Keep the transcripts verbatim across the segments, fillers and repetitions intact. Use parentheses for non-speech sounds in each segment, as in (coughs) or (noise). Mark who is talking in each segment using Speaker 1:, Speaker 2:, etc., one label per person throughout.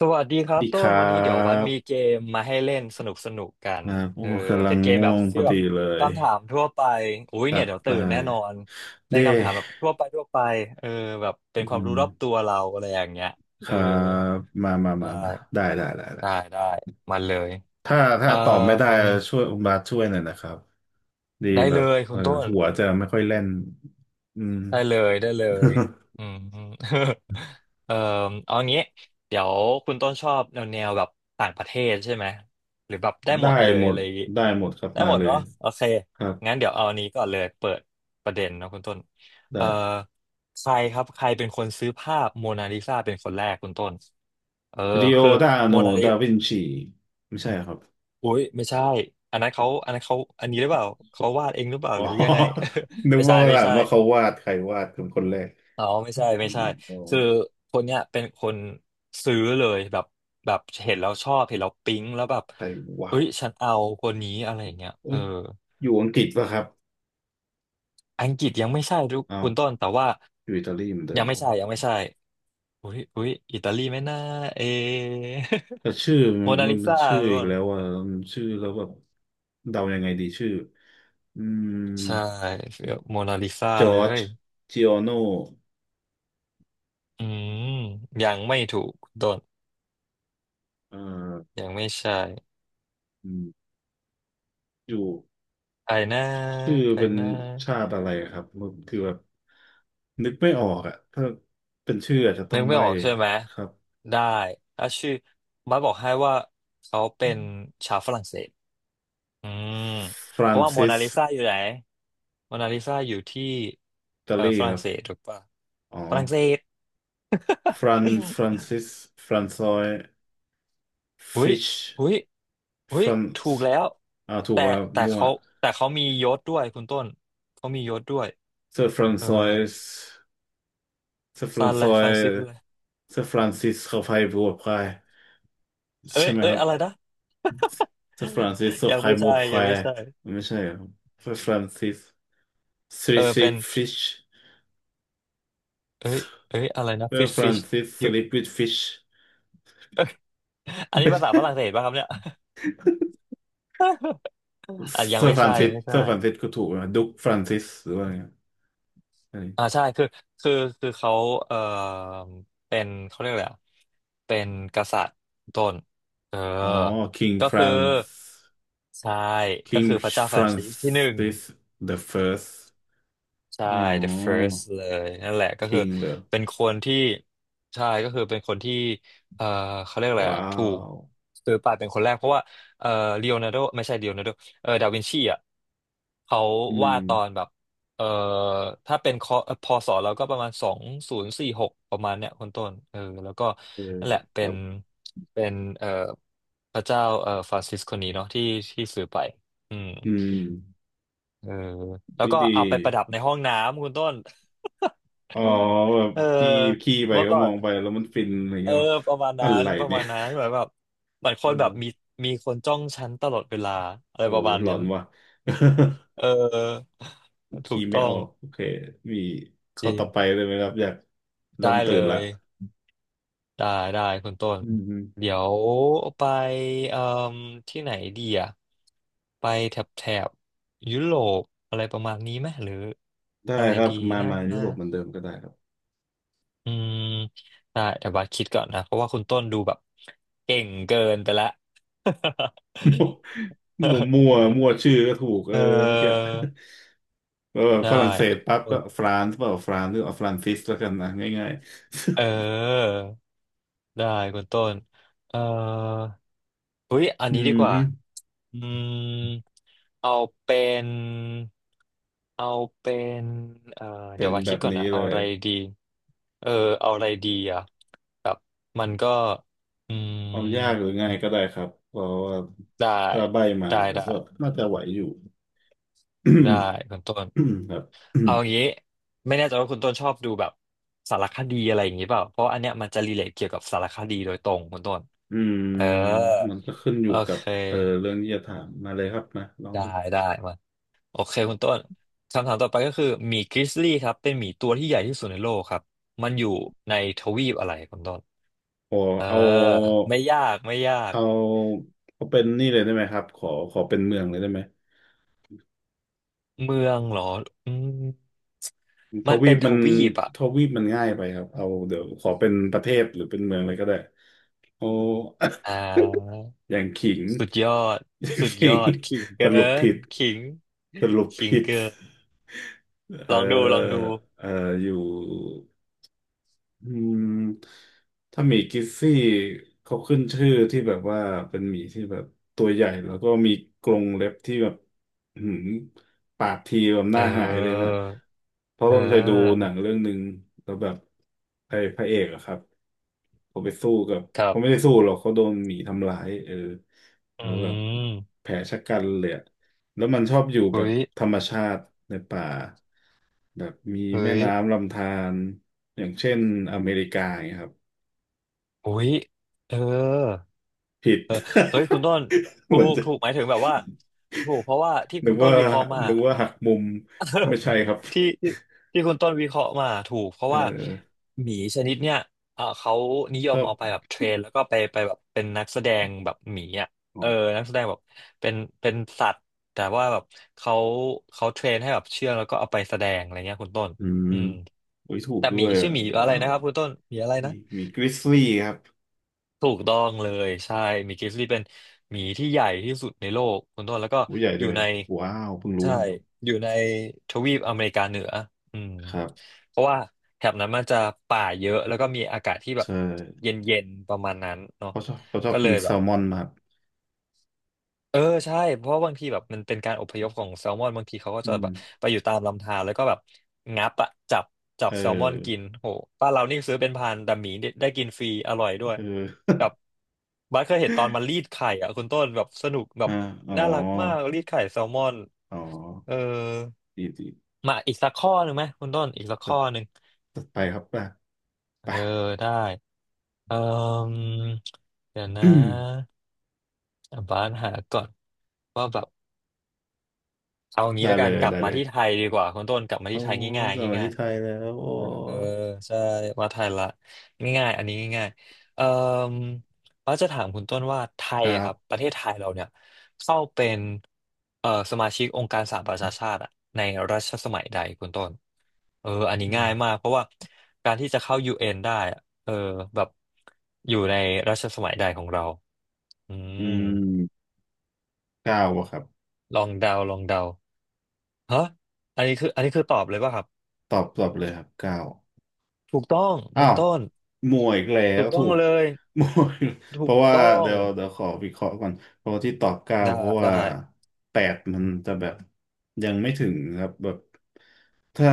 Speaker 1: สวัสดีครับ
Speaker 2: ดีค
Speaker 1: ต้น
Speaker 2: รั
Speaker 1: วันนี้เดี๋ยววัดมีเก
Speaker 2: บ
Speaker 1: มมาให้เล่นสนุกสนุกกัน
Speaker 2: อ่าโอ้
Speaker 1: เออ
Speaker 2: กำลั
Speaker 1: เป็
Speaker 2: ง
Speaker 1: นเกม
Speaker 2: ง่
Speaker 1: แบ
Speaker 2: ว
Speaker 1: บ
Speaker 2: งพ
Speaker 1: ที่
Speaker 2: อ
Speaker 1: แบ
Speaker 2: ดี
Speaker 1: บ
Speaker 2: เลย
Speaker 1: คำถามทั่วไปอุ้ย
Speaker 2: จั
Speaker 1: เนี่ย
Speaker 2: ด
Speaker 1: เดี๋ยว
Speaker 2: ไป
Speaker 1: ตื่นแน่นอนเป็
Speaker 2: เด้
Speaker 1: นคำถามแบบทั่วไปทั่วไปเออแบบเป็
Speaker 2: อื
Speaker 1: นความ
Speaker 2: ม
Speaker 1: รู้รอบตัวเราอะไรอย่างเงี้ย
Speaker 2: ค
Speaker 1: เออ
Speaker 2: รับมามามา
Speaker 1: ได้
Speaker 2: มาได้ได้ได้ได้
Speaker 1: ได้ได้มาเลย
Speaker 2: ถ้าถ้า
Speaker 1: เอ่
Speaker 2: ตอบไม่ได้
Speaker 1: อ
Speaker 2: ช่วยคุณบาสช่วยหน่อยนะครับดี
Speaker 1: ได้
Speaker 2: แบ
Speaker 1: เล
Speaker 2: บ
Speaker 1: ยคุ
Speaker 2: เออ
Speaker 1: ณต้น
Speaker 2: หัวจะไม่ค่อยเล่นอืม
Speaker 1: ได้เลยได้เลยอืม (laughs) เอ่อเอางี้เดี๋ยวคุณต้นชอบแนวแนวแบบต่างประเทศใช่ไหมหรือแบบได้
Speaker 2: (laughs)
Speaker 1: ห
Speaker 2: ได้
Speaker 1: มดเลย
Speaker 2: หม
Speaker 1: อะ
Speaker 2: ด
Speaker 1: ไรอย่างงี้
Speaker 2: ได้หมดครับ
Speaker 1: ได้
Speaker 2: มา
Speaker 1: หมด
Speaker 2: เลย
Speaker 1: เนาะโอเค
Speaker 2: ครับ
Speaker 1: งั้นเดี๋ยวเอาอันนี้ก่อนเลยเปิดประเด็นเนาะคุณต้นเอ่อ
Speaker 2: ได้
Speaker 1: ใครครับใครเป็นคนซื้อภาพโมนาลิซาเป็นคนแรกคุณต้นเออ
Speaker 2: ริโอ
Speaker 1: คือ
Speaker 2: ดาโน
Speaker 1: โมนาลิ
Speaker 2: ดาวินชีไม่ใช่ครับ
Speaker 1: อุ้ยไม่ใช่อันนั้นเขาอันนั้นเขาอันนี้หรือเปล่าเขา
Speaker 2: (laughs)
Speaker 1: วาดเองหรือเปล่า
Speaker 2: อ๋
Speaker 1: ห
Speaker 2: อ
Speaker 1: รือยังไง
Speaker 2: นึ
Speaker 1: (laughs)
Speaker 2: ก
Speaker 1: ไม่ใช่
Speaker 2: ว่า
Speaker 1: ไม่
Speaker 2: ถาม
Speaker 1: ใช่
Speaker 2: ว่าเขาวาดใครวาดเป็นคนแรก
Speaker 1: อ๋อไม่ใช่
Speaker 2: อ
Speaker 1: ไม่
Speaker 2: ม
Speaker 1: ใช่
Speaker 2: อ๋อ
Speaker 1: คือคนเนี้ยเป็นคนซื้อเลยแบบแบบเห็นแล้วชอบเห็นแล้วปิ๊งแล้วแบบ
Speaker 2: ใครวะ
Speaker 1: เอ้ยฉันเอาคนนี้อะไรอย่างเงี้ย
Speaker 2: เอ้
Speaker 1: เออ
Speaker 2: ยอยู่อังกฤษป่ะครับ
Speaker 1: อังกฤษยังไม่ใช่ทุก
Speaker 2: อ้าว
Speaker 1: คุณต้นแต่ว่า
Speaker 2: อยู่อิตาลีเหมือนเดิ
Speaker 1: ยั
Speaker 2: ม
Speaker 1: ง
Speaker 2: เพ
Speaker 1: ไม่
Speaker 2: ราะ
Speaker 1: ใช่
Speaker 2: ว่า
Speaker 1: ยังไม่ใช่อุ้ยอุ้ยอิตาลีไหม่น่าเอะ
Speaker 2: แต่ชื่อ
Speaker 1: (laughs)
Speaker 2: มั
Speaker 1: โม
Speaker 2: น
Speaker 1: นา
Speaker 2: มัน
Speaker 1: ลิ
Speaker 2: เป็น
Speaker 1: ซา
Speaker 2: ชื่อ
Speaker 1: ทุก
Speaker 2: อี
Speaker 1: ค
Speaker 2: ก
Speaker 1: น
Speaker 2: แล้วอ่ะมันชื่อแล้วแบบเดายังไงดีชื่ออืม
Speaker 1: ใช่โมนาลิซา
Speaker 2: จ
Speaker 1: เล
Speaker 2: อร์จ
Speaker 1: ย
Speaker 2: จิออโน
Speaker 1: อืมยังไม่ถูกคุณต้น
Speaker 2: เอ่อ
Speaker 1: ยังไม่ใช่
Speaker 2: อืมอยู่
Speaker 1: ใครนะ
Speaker 2: ชื่อ
Speaker 1: ใคร
Speaker 2: เป็น
Speaker 1: นะ
Speaker 2: ชาติอะไรครับมันคือแบบนึกไม่ออกอ่ะถ้าเป็นชื่ออาจจะต้
Speaker 1: นึ
Speaker 2: อง
Speaker 1: กไม่
Speaker 2: ใบ้
Speaker 1: ออกใช่ไหม
Speaker 2: ครับ
Speaker 1: ได้ถ้าชื่อบัสบอกให้ว่าเขาเป็นชาวฝรั่งเศสอืม
Speaker 2: ฟ
Speaker 1: เพ
Speaker 2: ราน
Speaker 1: ราะว่าโม
Speaker 2: ซิ
Speaker 1: นา
Speaker 2: ส
Speaker 1: ลิซาอยู่ไหนโมนาลิซาอยู่ที่
Speaker 2: อิตา
Speaker 1: เออ
Speaker 2: ลี
Speaker 1: ฝ
Speaker 2: ค
Speaker 1: รั่
Speaker 2: รั
Speaker 1: ง
Speaker 2: บ
Speaker 1: เศสถูกปะ
Speaker 2: อ๋อ
Speaker 1: ฝรั่งเศส
Speaker 2: ฟรานฟราน
Speaker 1: (laughs)
Speaker 2: ซิส ฟรานซอย
Speaker 1: หุย
Speaker 2: French
Speaker 1: หุยหุย
Speaker 2: France
Speaker 1: ถูกแล้ว
Speaker 2: อ่าถูก
Speaker 1: แต่
Speaker 2: อ่ะ
Speaker 1: แต่
Speaker 2: มั่ว
Speaker 1: เขาแต่เขามียศด้วยคุณต้นเขามียศด้วย
Speaker 2: Sir
Speaker 1: เออ
Speaker 2: Francis Sir
Speaker 1: ซาน
Speaker 2: Francis
Speaker 1: เล
Speaker 2: Sir
Speaker 1: ยฟรานซิส
Speaker 2: Francis
Speaker 1: เลย
Speaker 2: เซอร์ฟรานซอยเซอร์ฟรานซิสเขาไพ่บวกไพาย
Speaker 1: เอ้
Speaker 2: ใช่
Speaker 1: ย
Speaker 2: ไหม
Speaker 1: เอ้
Speaker 2: ค
Speaker 1: ย
Speaker 2: รับ
Speaker 1: อะไรนะ
Speaker 2: Sir Francis เขา
Speaker 1: (laughs) ยัง
Speaker 2: ไพ่
Speaker 1: ไม่
Speaker 2: บว
Speaker 1: ใช่
Speaker 2: ก
Speaker 1: ยั
Speaker 2: ไพา
Speaker 1: ง
Speaker 2: ย
Speaker 1: ไม่ใช่
Speaker 2: ไม่ใช่เหรอครับ Sir Francis
Speaker 1: เออ
Speaker 2: Sleep
Speaker 1: เป็น
Speaker 2: with Fish
Speaker 1: เอ้ยเอ้ยอะไรนะฟิ
Speaker 2: Sir
Speaker 1: ชฟิช
Speaker 2: Francis Sleep with Fish
Speaker 1: (laughs) เอ้ยอัน
Speaker 2: (laughs)
Speaker 1: นี้
Speaker 2: ไม่
Speaker 1: ภาษา
Speaker 2: ใช่
Speaker 1: ฝรั่งเศสป่ะครับเนี่ย (laughs) อ่ะยัง
Speaker 2: Sir
Speaker 1: ไม่ใช่ยั
Speaker 2: Francis
Speaker 1: งไม่ใช่
Speaker 2: Sir f r a n i s ก็ถูกนะ Duke Francis หรือว่าไงอันนี้
Speaker 1: อ่าใช่คือคือคือเขาเอ่อเป็นเขาเรียกอะไรอ่ะเป็นกษัตริย์ต้นเออ
Speaker 2: อ๋อ King
Speaker 1: ก็คือ
Speaker 2: France
Speaker 1: ใช่ก็
Speaker 2: King
Speaker 1: คือพระเจ้า
Speaker 2: f
Speaker 1: ฟ
Speaker 2: r
Speaker 1: รา
Speaker 2: a
Speaker 1: น
Speaker 2: n
Speaker 1: ซิ
Speaker 2: c
Speaker 1: สที่หนึ่ง
Speaker 2: the First
Speaker 1: ใช่
Speaker 2: อ๋
Speaker 1: the
Speaker 2: อ
Speaker 1: first เลยนั่นแหละก็
Speaker 2: คิ
Speaker 1: คือ
Speaker 2: งเหรอ
Speaker 1: เป็นคนที่ใช่ก็คือเป็นคนที่เอ่อเขาเรียกอะไร
Speaker 2: ว้า
Speaker 1: อะถูก
Speaker 2: ว
Speaker 1: ซื้อไปเป็นคนแรกเพราะว่าเอ่อลีโอนาร์โดไม่ใช่ลีโอนาร์โดเออดาวินชีอ่ะเขา
Speaker 2: อื
Speaker 1: วาดตอน
Speaker 2: ม
Speaker 1: แบบเอ่อถ้าเป็นคอพศแล้วก็ประมาณสองศูนย์สี่หกประมาณเนี้ยคนต้นเออแล้วก็
Speaker 2: เออ
Speaker 1: นั่นแหละเป็
Speaker 2: แบ
Speaker 1: น
Speaker 2: บ
Speaker 1: เป็นเอ่อพระเจ้าเอ่อฟรานซิสคนนี้เนาะที่ที่ซื้อไปอืม
Speaker 2: อืม
Speaker 1: เออแล้ว
Speaker 2: วิ
Speaker 1: ก็
Speaker 2: ดี
Speaker 1: เอาไปประดับในห้องน้ำคุณต้น
Speaker 2: อ๋อแบบ
Speaker 1: (laughs) เออ
Speaker 2: ขี้ขี้ไป
Speaker 1: เมื่อ
Speaker 2: ก็
Speaker 1: ก่อ
Speaker 2: มอ
Speaker 1: น
Speaker 2: งไปแล้วมันฟินอะไร
Speaker 1: เออ
Speaker 2: เงี้ยวะ
Speaker 1: ประมาณ
Speaker 2: อะ
Speaker 1: นั้น
Speaker 2: ไร
Speaker 1: ประ
Speaker 2: เนี่
Speaker 1: มา
Speaker 2: ย
Speaker 1: ณนั้นแบบแบบเหมือนค
Speaker 2: (laughs)
Speaker 1: น
Speaker 2: อื
Speaker 1: แบ
Speaker 2: ม
Speaker 1: บมีมีคนจ้องฉันตลอดเวลาอะไร
Speaker 2: โอ้
Speaker 1: ประ
Speaker 2: ย
Speaker 1: มาณ
Speaker 2: หลอ
Speaker 1: นั้น
Speaker 2: นว่ะ
Speaker 1: เออ
Speaker 2: (laughs)
Speaker 1: ถู
Speaker 2: ขี้
Speaker 1: ก
Speaker 2: ไม่
Speaker 1: ต้อ
Speaker 2: อ
Speaker 1: ง
Speaker 2: อกโอเคมี
Speaker 1: จ
Speaker 2: ข้อ
Speaker 1: ริ
Speaker 2: ต่อไป
Speaker 1: ง
Speaker 2: เลยไหมครับอยากเริ่ม
Speaker 1: ได้
Speaker 2: ตื่
Speaker 1: เล
Speaker 2: นละ
Speaker 1: ยได้ได้คุณต้น
Speaker 2: อืมอ
Speaker 1: เดี๋ยวไปเอ่มที่ไหนดีอะไปแถบแถบยุโรปอะไรประมาณนี้ไหมหรือ
Speaker 2: ได้
Speaker 1: อะไร
Speaker 2: ครับ
Speaker 1: ดี
Speaker 2: มา
Speaker 1: นะ
Speaker 2: มายุโรปเหมือนเดิมก็ได้ครับ
Speaker 1: อืมได้แต่ว่าคิดก่อนนะเพราะว่าคุณต้นดูแบบเก่งเกินไปละ
Speaker 2: มั่วมั่วมั่วชื่อก็ถูก
Speaker 1: (laughs)
Speaker 2: เอ
Speaker 1: เออ
Speaker 2: อเมื่อกี้ (laughs) เออ
Speaker 1: ได้
Speaker 2: ฝรั่งเศสปั๊บก็ฟรานซ์เปล่าฟรานซ์หรือเอาฟรานซิสแล้วกันนะง่าย
Speaker 1: เอ
Speaker 2: ๆ
Speaker 1: อได้คุณต้นเออเฮ้ยอัน
Speaker 2: อื
Speaker 1: นี้ดี
Speaker 2: ม
Speaker 1: กว่า
Speaker 2: ฮึ
Speaker 1: อืมเอาเป็นเอาเป็นเออ
Speaker 2: เป็
Speaker 1: เดี๋ย
Speaker 2: น
Speaker 1: วว่า
Speaker 2: แบ
Speaker 1: คิด
Speaker 2: บ
Speaker 1: ก่อน
Speaker 2: นี้
Speaker 1: นะ
Speaker 2: เล
Speaker 1: เอาอะ
Speaker 2: ย
Speaker 1: ไรดีเออเอาอะไรดีอ่ะแบบมันก็อืม
Speaker 2: เอายากหรือง่ายก็ได้ครับเพราะว่า
Speaker 1: ได้
Speaker 2: ถ้าใบมา
Speaker 1: ได้
Speaker 2: ก็
Speaker 1: ได้
Speaker 2: น่าจะไหวอยู่
Speaker 1: ได้คุณต้น
Speaker 2: (coughs) ครับ
Speaker 1: เอา
Speaker 2: (coughs)
Speaker 1: งี้ไม่แน่ใจว่าคุณต้นชอบดูแบบสารคดีอะไรอย่างนี้เปล่าเพราะอันเนี้ยมันจะรีเลทเกี่ยวกับสารคดีโดยตรงคุณต้น
Speaker 2: อืม
Speaker 1: เออ
Speaker 2: มันก็ขึ้นอยู่
Speaker 1: โอ
Speaker 2: กับ
Speaker 1: เค
Speaker 2: เออเรื่องที่จะถามมาเลยครับมาลอง
Speaker 1: ได้
Speaker 2: ดู
Speaker 1: ได้มาโอเคคุณต้นคำถามต่อไปก็คือหมีกริซลี่ครับเป็นหมีตัวที่ใหญ่ที่สุดในโลกครับมันอยู่ในทวีปอะไรคุณต้น
Speaker 2: ขอ
Speaker 1: เออ
Speaker 2: เอา
Speaker 1: ไม่ยากไม่ยาก
Speaker 2: เอาเอาเป็นนี่เลยได้ไหมครับขอขอเป็นเมืองเลยได้ไหม
Speaker 1: เมืองเหรออืม
Speaker 2: ท
Speaker 1: มัน
Speaker 2: วี
Speaker 1: เป็
Speaker 2: ป
Speaker 1: นท
Speaker 2: มัน
Speaker 1: วีปอ่ะ
Speaker 2: ทวีปมันง่ายไปครับเอาเดี๋ยวขอเป็นประเทศหรือเป็นเมืองเลยก็ได้โอ้
Speaker 1: อ่า
Speaker 2: (coughs) อย่างขิง
Speaker 1: สุดยอด
Speaker 2: (coughs) (laughs) อย่าง
Speaker 1: สุดย
Speaker 2: ขิ
Speaker 1: อ
Speaker 2: ง
Speaker 1: ดขิง
Speaker 2: (coughs) ส
Speaker 1: เกิ
Speaker 2: รุป
Speaker 1: น
Speaker 2: ผิด
Speaker 1: ขิง
Speaker 2: สรุป
Speaker 1: ขิง
Speaker 2: ผิด
Speaker 1: เกิน
Speaker 2: เอ่
Speaker 1: ลองดู ลอง
Speaker 2: อ
Speaker 1: ดู
Speaker 2: เอออยู่ อืมถ้าหมีกิซซี่เขาขึ้นชื่อที่แบบว่าเป็นหมีที่แบบตัวใหญ่แล้วก็มีกรงเล็บที่แบบอื้อหืมปากทีแบบห
Speaker 1: เ
Speaker 2: น้าหายเลย
Speaker 1: อ
Speaker 2: นะ
Speaker 1: อ
Speaker 2: เพราะ
Speaker 1: เ
Speaker 2: ต้องเคยดูห
Speaker 1: ออ
Speaker 2: นังเรื่องหนึ่งแล้วแบบไอ้พระเอกอะครับเขาไปสู้กับ
Speaker 1: ครั
Speaker 2: เขาไม่
Speaker 1: บ
Speaker 2: ได้สู้หรอกเขาโดนหมีทำร้ายเออ
Speaker 1: อื
Speaker 2: แล้วแบบ
Speaker 1: ม
Speaker 2: แผลชะกันเลยอะแล้วมันชอบอยู่แบ
Speaker 1: อุ้
Speaker 2: บ
Speaker 1: ย
Speaker 2: ธรรมชาติในป่า แบบมีแม่
Speaker 1: เฮ้ย
Speaker 2: น้ำลำธารอย่างเช่นอเมริกาอย่างเงี้ยครับ
Speaker 1: อุ้ยเออ
Speaker 2: ผิด
Speaker 1: เฮ้ยคุณ
Speaker 2: (laughs)
Speaker 1: ต้นถู
Speaker 2: เหมือน
Speaker 1: ก
Speaker 2: จะ
Speaker 1: ถูกหมายถึงแบบว่าถูกเพราะว่าที่
Speaker 2: นึ
Speaker 1: คุ
Speaker 2: ก
Speaker 1: ณต้น
Speaker 2: ว่า
Speaker 1: วิเคราะห์มา
Speaker 2: นึกว่าหักมุมไม่ใช่ครับ
Speaker 1: ที่ที่ที่คุณต้นวิเคราะห์มาถูกเพราะ
Speaker 2: เอ
Speaker 1: ว่า
Speaker 2: อ
Speaker 1: หมีชนิดเนี้ยเออเขานิย
Speaker 2: ถ้า
Speaker 1: มเอาไปแบบเทรนแล้วก็ไปไปแบบเป็นนักแสดงแบบหมีอ่ะ
Speaker 2: อ๋อ
Speaker 1: เออนักแสดงแบบเป็นเป็นสัตว์แต่ว่าแบบเขาเขาเทรนให้แบบเชื่องแล้วก็เอาไปแสดงอะไรเงี้ยคุณต้น
Speaker 2: อืม
Speaker 1: อืม
Speaker 2: โอ้ยถูก
Speaker 1: แต่
Speaker 2: ด้
Speaker 1: หมี
Speaker 2: วย
Speaker 1: ชื่อหมีอะไร
Speaker 2: ว้าว
Speaker 1: นะครับคุณต้นหมีอะไร
Speaker 2: มี
Speaker 1: นะ
Speaker 2: มีกริซลี่ครับ
Speaker 1: ถูกต้องเลยใช่หมีกริซลี่เป็นหมีที่ใหญ่ที่สุดในโลกคุณต้นแล้วก็
Speaker 2: ตัวใหญ่
Speaker 1: อ
Speaker 2: ด้
Speaker 1: ยู่
Speaker 2: วย
Speaker 1: ใน
Speaker 2: ว้าวเพิ่งรู้
Speaker 1: ใช่
Speaker 2: นะครับ
Speaker 1: อยู่ในทวีปอเมริกาเหนืออืม
Speaker 2: ครับ
Speaker 1: เพราะว่าแถบนั้นมันจะป่าเยอะแล้วก็มีอากาศที่แบบ
Speaker 2: ใช่
Speaker 1: เย็นๆประมาณนั้นเนาะ
Speaker 2: เขาชอบเขาชอบ
Speaker 1: ก็เล
Speaker 2: กิน
Speaker 1: ย
Speaker 2: แซ
Speaker 1: แบบ
Speaker 2: ลมอนมาก
Speaker 1: เออใช่ เพราะว่าบางทีแบบมันเป็นการอพยพของแซลมอนบางทีเขาก็
Speaker 2: อื
Speaker 1: จะ
Speaker 2: ม
Speaker 1: แบบไปอยู่ตามลำธารแล้วก็แบบงับอะจับจั
Speaker 2: เอ
Speaker 1: บแซลมอนกิน
Speaker 2: อ
Speaker 1: โหป้านเรานี่ซื้อเป็นพันแต่หมีได้ได้กินฟรีอร่อยด้วย
Speaker 2: เออ
Speaker 1: แบบบัสเคยเห็นตอนมันรีดไข่อะคุณต้นแบบสนุกแบบ
Speaker 2: อ่าอ๋อ
Speaker 1: น่ารักมากรีดไข่แซลมอน
Speaker 2: อ๋อ
Speaker 1: เออ
Speaker 2: ดีดี
Speaker 1: มาอีกสักข้อหนึ่งไหมคุณต้นอีกสัก
Speaker 2: จะ
Speaker 1: ข้อหนึ่ง
Speaker 2: จะไปครับป่ะ
Speaker 1: เอ
Speaker 2: ป่ะ
Speaker 1: อได้เออเดี๋ยวนะ
Speaker 2: (coughs) (clears throat)
Speaker 1: บ้านหาก่อนว่าแบบเอางี้
Speaker 2: ได้
Speaker 1: แล้ว
Speaker 2: เล
Speaker 1: กัน
Speaker 2: ย
Speaker 1: กลับ
Speaker 2: ได้
Speaker 1: มา
Speaker 2: เลย
Speaker 1: ที่ไทยดีกว่าคุณต้นกลับมา
Speaker 2: โอ้
Speaker 1: ที่ไทยง่าย
Speaker 2: กลับมา
Speaker 1: ๆง่า
Speaker 2: ที่
Speaker 1: ย
Speaker 2: ไทยแล้วโอ้
Speaker 1: เออใช่วาดไทยละง่ายๆอันนี้ง่ายๆเอ่อว่าจะถามคุณต้นว่าไท
Speaker 2: ค
Speaker 1: ย
Speaker 2: รั
Speaker 1: อะครับป
Speaker 2: บ
Speaker 1: ระเทศไทยเราเนี่ยเข้าเป็นเอ่อสมาชิกองค์การสหประชาชาติอะในรัชสมัยใดคุณต้นเอออันนี้
Speaker 2: อืม
Speaker 1: ง่ายมากเพราะว่าการที่จะเข้ายูเอ็นได้อะเออแบบอยู่ในรัชสมัยใดของเราอื
Speaker 2: อื
Speaker 1: ม
Speaker 2: มเก้าอะครับ
Speaker 1: ลองเดาลองเดาฮะอันนี้คืออันนี้คือตอบเลยป่ะครับ
Speaker 2: ตอบตอบเลยครับเก้า
Speaker 1: ถูกต้อง
Speaker 2: อ้า
Speaker 1: คุณ
Speaker 2: ว
Speaker 1: ต้น
Speaker 2: มัวอีกแล้
Speaker 1: ถู
Speaker 2: ว
Speaker 1: กต้
Speaker 2: ถู
Speaker 1: อง
Speaker 2: ก
Speaker 1: เลย
Speaker 2: (laughs) มัวอีกเพ
Speaker 1: ถูก
Speaker 2: ราะว่า
Speaker 1: ต้อง
Speaker 2: เดี๋ยวเดี๋ยวขอวิเคราะห์ก่อนเพราะที่ตอบเก้า
Speaker 1: ได้
Speaker 2: เพราะว่า
Speaker 1: ได้
Speaker 2: แปดมันจะแบบยังไม่ถึงครับแบบถ้า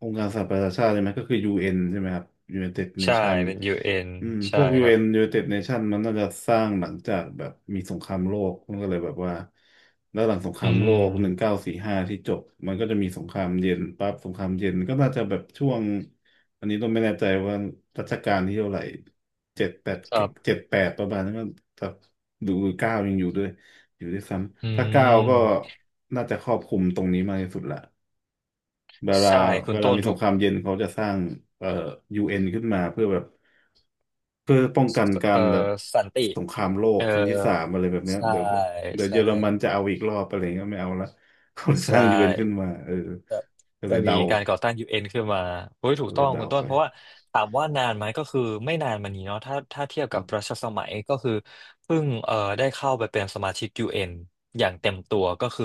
Speaker 2: องค์การสหประชาชาติใช่ไหมก็คือ ยู เอ็น ใช่ไหมครับ United
Speaker 1: ใช่
Speaker 2: Nation
Speaker 1: เป็น ยู เอ็น
Speaker 2: อืมพ
Speaker 1: ใช่
Speaker 2: วก
Speaker 1: ครับ
Speaker 2: ยู เอ็น United Nation มันน่าจะสร้างหลังจากแบบมีสงครามโลกมันก็เลยแบบว่าแล้วหลังสงค
Speaker 1: อื
Speaker 2: รามโลกหนึ่ง
Speaker 1: ม
Speaker 2: เก้าสี่ห้าที่จบมันก็จะมีสงครามเย็นปั๊บสงครามเย็นก็น่าจะแบบช่วง อันนี้ต้องไม่แน่ใจว่ารัชกาลที่เท่าไหร่เจ็ดแปด
Speaker 1: ครับ
Speaker 2: เจ็ดแปดประมาณนั้นก็ถ้าดูเก้ายังอยู่ด้วยอยู่ด้วยซ้
Speaker 1: อื
Speaker 2: ำถ้าเก้าก็
Speaker 1: ม
Speaker 2: น่าจะครอบคลุมตรงนี้มากที่สุดละเวลา
Speaker 1: ใช่คุ
Speaker 2: เว
Speaker 1: ณ
Speaker 2: ลา
Speaker 1: ต้น
Speaker 2: มีส
Speaker 1: ถู
Speaker 2: ง
Speaker 1: ก
Speaker 2: ครามเย็นเขาจะสร้างเอ่อยูเอ็นขึ้นมาเพื่อแบบเพื่อป้องกันกา
Speaker 1: เอ่
Speaker 2: ร
Speaker 1: อ
Speaker 2: แบบ
Speaker 1: สันติ
Speaker 2: สงครามโลก
Speaker 1: เออ
Speaker 2: ครั้งที่สามอะไรแบบเนี้ย
Speaker 1: ใช่
Speaker 2: เดี๋ยวเดี๋ยวเย
Speaker 1: ใช่
Speaker 2: อรมันจะเอาอีกรอบอะไรเงี้ยไม่เอาละ (laughs) เขาเลยส
Speaker 1: ใช่
Speaker 2: ร้างยูเอ็นขึ้นมาเออ
Speaker 1: ครับ
Speaker 2: ก็เล
Speaker 1: ก็
Speaker 2: ย
Speaker 1: มี
Speaker 2: เดา
Speaker 1: การก่อตั้งยูเอ็ n ขึ้นมาโอ้ยถู
Speaker 2: ก็
Speaker 1: ก
Speaker 2: เล
Speaker 1: ต้อ
Speaker 2: ย
Speaker 1: ง
Speaker 2: เดา
Speaker 1: คุณต้
Speaker 2: ไป
Speaker 1: นเพราะว่าถามว่านานไหมก็คือไม่นานมานี้เนาะถ้าถ้าเทียบ
Speaker 2: ค
Speaker 1: กั
Speaker 2: รั
Speaker 1: บ
Speaker 2: บ
Speaker 1: รัชสมัยก็คือเพิ่งเอ่อได้เข้าไปเป็นสมาชิกยูเอนอย่างเต็มตัวก็คือ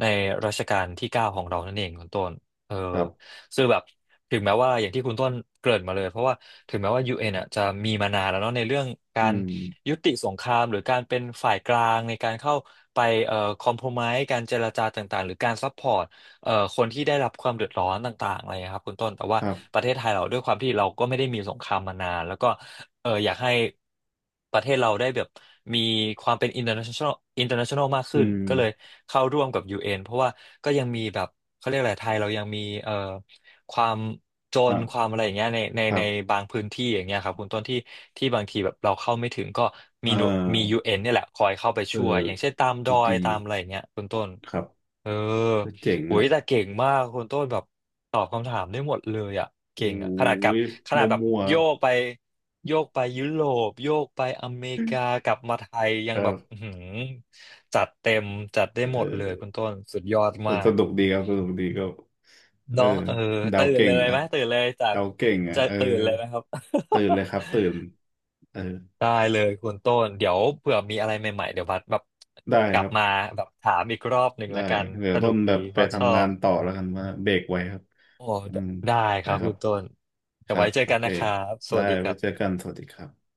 Speaker 1: ในรัชกาลที่เก้าของเรานั่นเองคุณต้นเออ
Speaker 2: ครับ
Speaker 1: ซึ่งแบบถึงแม้ว่าอย่างที่คุณต้นเกริ่นมาเลยเพราะว่าถึงแม้ว่า ยู เอ็น อนอ่ะจะมีมานานแล้วเนาะในเรื่องกา
Speaker 2: อื
Speaker 1: ร
Speaker 2: ม
Speaker 1: ยุติสงครามหรือการเป็นฝ่ายกลางในการเข้าไปเอ่อคอมโพรไมซ์การเจรจาต่างๆหรือการซัพพอร์ต เอ่อคนที่ได้รับความเดือดร้อนต่างๆอะไรนะครับคุณต้นแต่
Speaker 2: ค
Speaker 1: ว่า
Speaker 2: รั
Speaker 1: ป
Speaker 2: บ
Speaker 1: ระเทศไทยเราด้วยความที่เราก็ไม่ได้มีสงครามมานานแล้วก็เอออยากให้ประเทศเราได้แบบมีความเป็น international international มาก
Speaker 2: อื
Speaker 1: ขึ้น
Speaker 2: ม
Speaker 1: ก็เลยเข้าร่วมกับยูเอ็นเพราะว่าก็ยังมีแบบเขาเรียกอะไรไทยเรายังมีเอ่อความจ
Speaker 2: ค
Speaker 1: น
Speaker 2: รั
Speaker 1: ความ
Speaker 2: บ
Speaker 1: อะไรอย่างเงี้ยในใน
Speaker 2: ครั
Speaker 1: ใน
Speaker 2: บ
Speaker 1: บางพื้นที่อย่างเงี้ยครับคุณต้นที่ที่บางทีแบบเราเข้าไม่ถึงก็
Speaker 2: เอ่
Speaker 1: มีหน่วยมี
Speaker 2: อ
Speaker 1: ยู เอ็น เอ็นเนี่ยแหละคอยเข้าไป
Speaker 2: เออ
Speaker 1: ช่วยอย่างเช่นตามด
Speaker 2: จุ
Speaker 1: อ
Speaker 2: ดี
Speaker 1: ยตามอะไรอย่างเงี้ยคุณต้น
Speaker 2: ครับ
Speaker 1: เออ
Speaker 2: เจ๋ง
Speaker 1: โอ้ย
Speaker 2: อ่ะ
Speaker 1: แต่เก่งมากคุณต้นแบบตอบคำถามได้หมดเลยอ่ะ
Speaker 2: โอ้
Speaker 1: เก่งอ่ะขนาดกับ
Speaker 2: ย
Speaker 1: ข
Speaker 2: ม
Speaker 1: นาดแบบ
Speaker 2: ั่วๆค
Speaker 1: โย
Speaker 2: รับ
Speaker 1: กไปโยกไปยุโรปโยกไปอเมริกากลับมาไทยยั
Speaker 2: ค
Speaker 1: ง
Speaker 2: รั
Speaker 1: แบบอื้
Speaker 2: บ
Speaker 1: อหือจัดเต็มจัดได้หมด
Speaker 2: เออ
Speaker 1: เลยคุณต้นสุดยอดมา
Speaker 2: ส
Speaker 1: ก
Speaker 2: นุกดีครับสนุกดีก็เออ
Speaker 1: เนาะเออ
Speaker 2: เดา
Speaker 1: ตื่น
Speaker 2: เก่
Speaker 1: เล
Speaker 2: ง
Speaker 1: ย
Speaker 2: ครั
Speaker 1: ไหม
Speaker 2: บ
Speaker 1: ตื่นเลยจาก
Speaker 2: เดาเก่งอ่ะ
Speaker 1: จะ
Speaker 2: เออ
Speaker 1: ตื่นเลยไหมครับ (laughs)
Speaker 2: ตื่นเลยครับตื่นเออ
Speaker 1: ได้เลยคุณต้นเดี๋ยวเผื่อมีอะไรใหม่ๆเดี๋ยวบัสแบบ
Speaker 2: ได้
Speaker 1: กลั
Speaker 2: ค
Speaker 1: บ
Speaker 2: รับ
Speaker 1: มาแบบถามอีกรอบหนึ่ง
Speaker 2: ได้
Speaker 1: แล้วกัน
Speaker 2: เดี๋ย
Speaker 1: ส
Speaker 2: ว
Speaker 1: นุ
Speaker 2: ต้น
Speaker 1: ก
Speaker 2: แบ
Speaker 1: ดี
Speaker 2: บไป
Speaker 1: บัสชอ
Speaker 2: ทำงา
Speaker 1: บ
Speaker 2: นต่อแล้วกันว่าเบรกไว้ครับ
Speaker 1: โอ้
Speaker 2: อืม
Speaker 1: ได้ค
Speaker 2: ได้
Speaker 1: รับ
Speaker 2: ครั
Speaker 1: คุ
Speaker 2: บ
Speaker 1: ณต้น
Speaker 2: ค
Speaker 1: เดี๋ยว
Speaker 2: รั
Speaker 1: ไว้
Speaker 2: บ
Speaker 1: เจอ
Speaker 2: โอ
Speaker 1: กัน
Speaker 2: เค
Speaker 1: นะครับ ส
Speaker 2: ได้
Speaker 1: วัสดีค
Speaker 2: ไว้
Speaker 1: รับ
Speaker 2: เจอกันสวัสดีครับ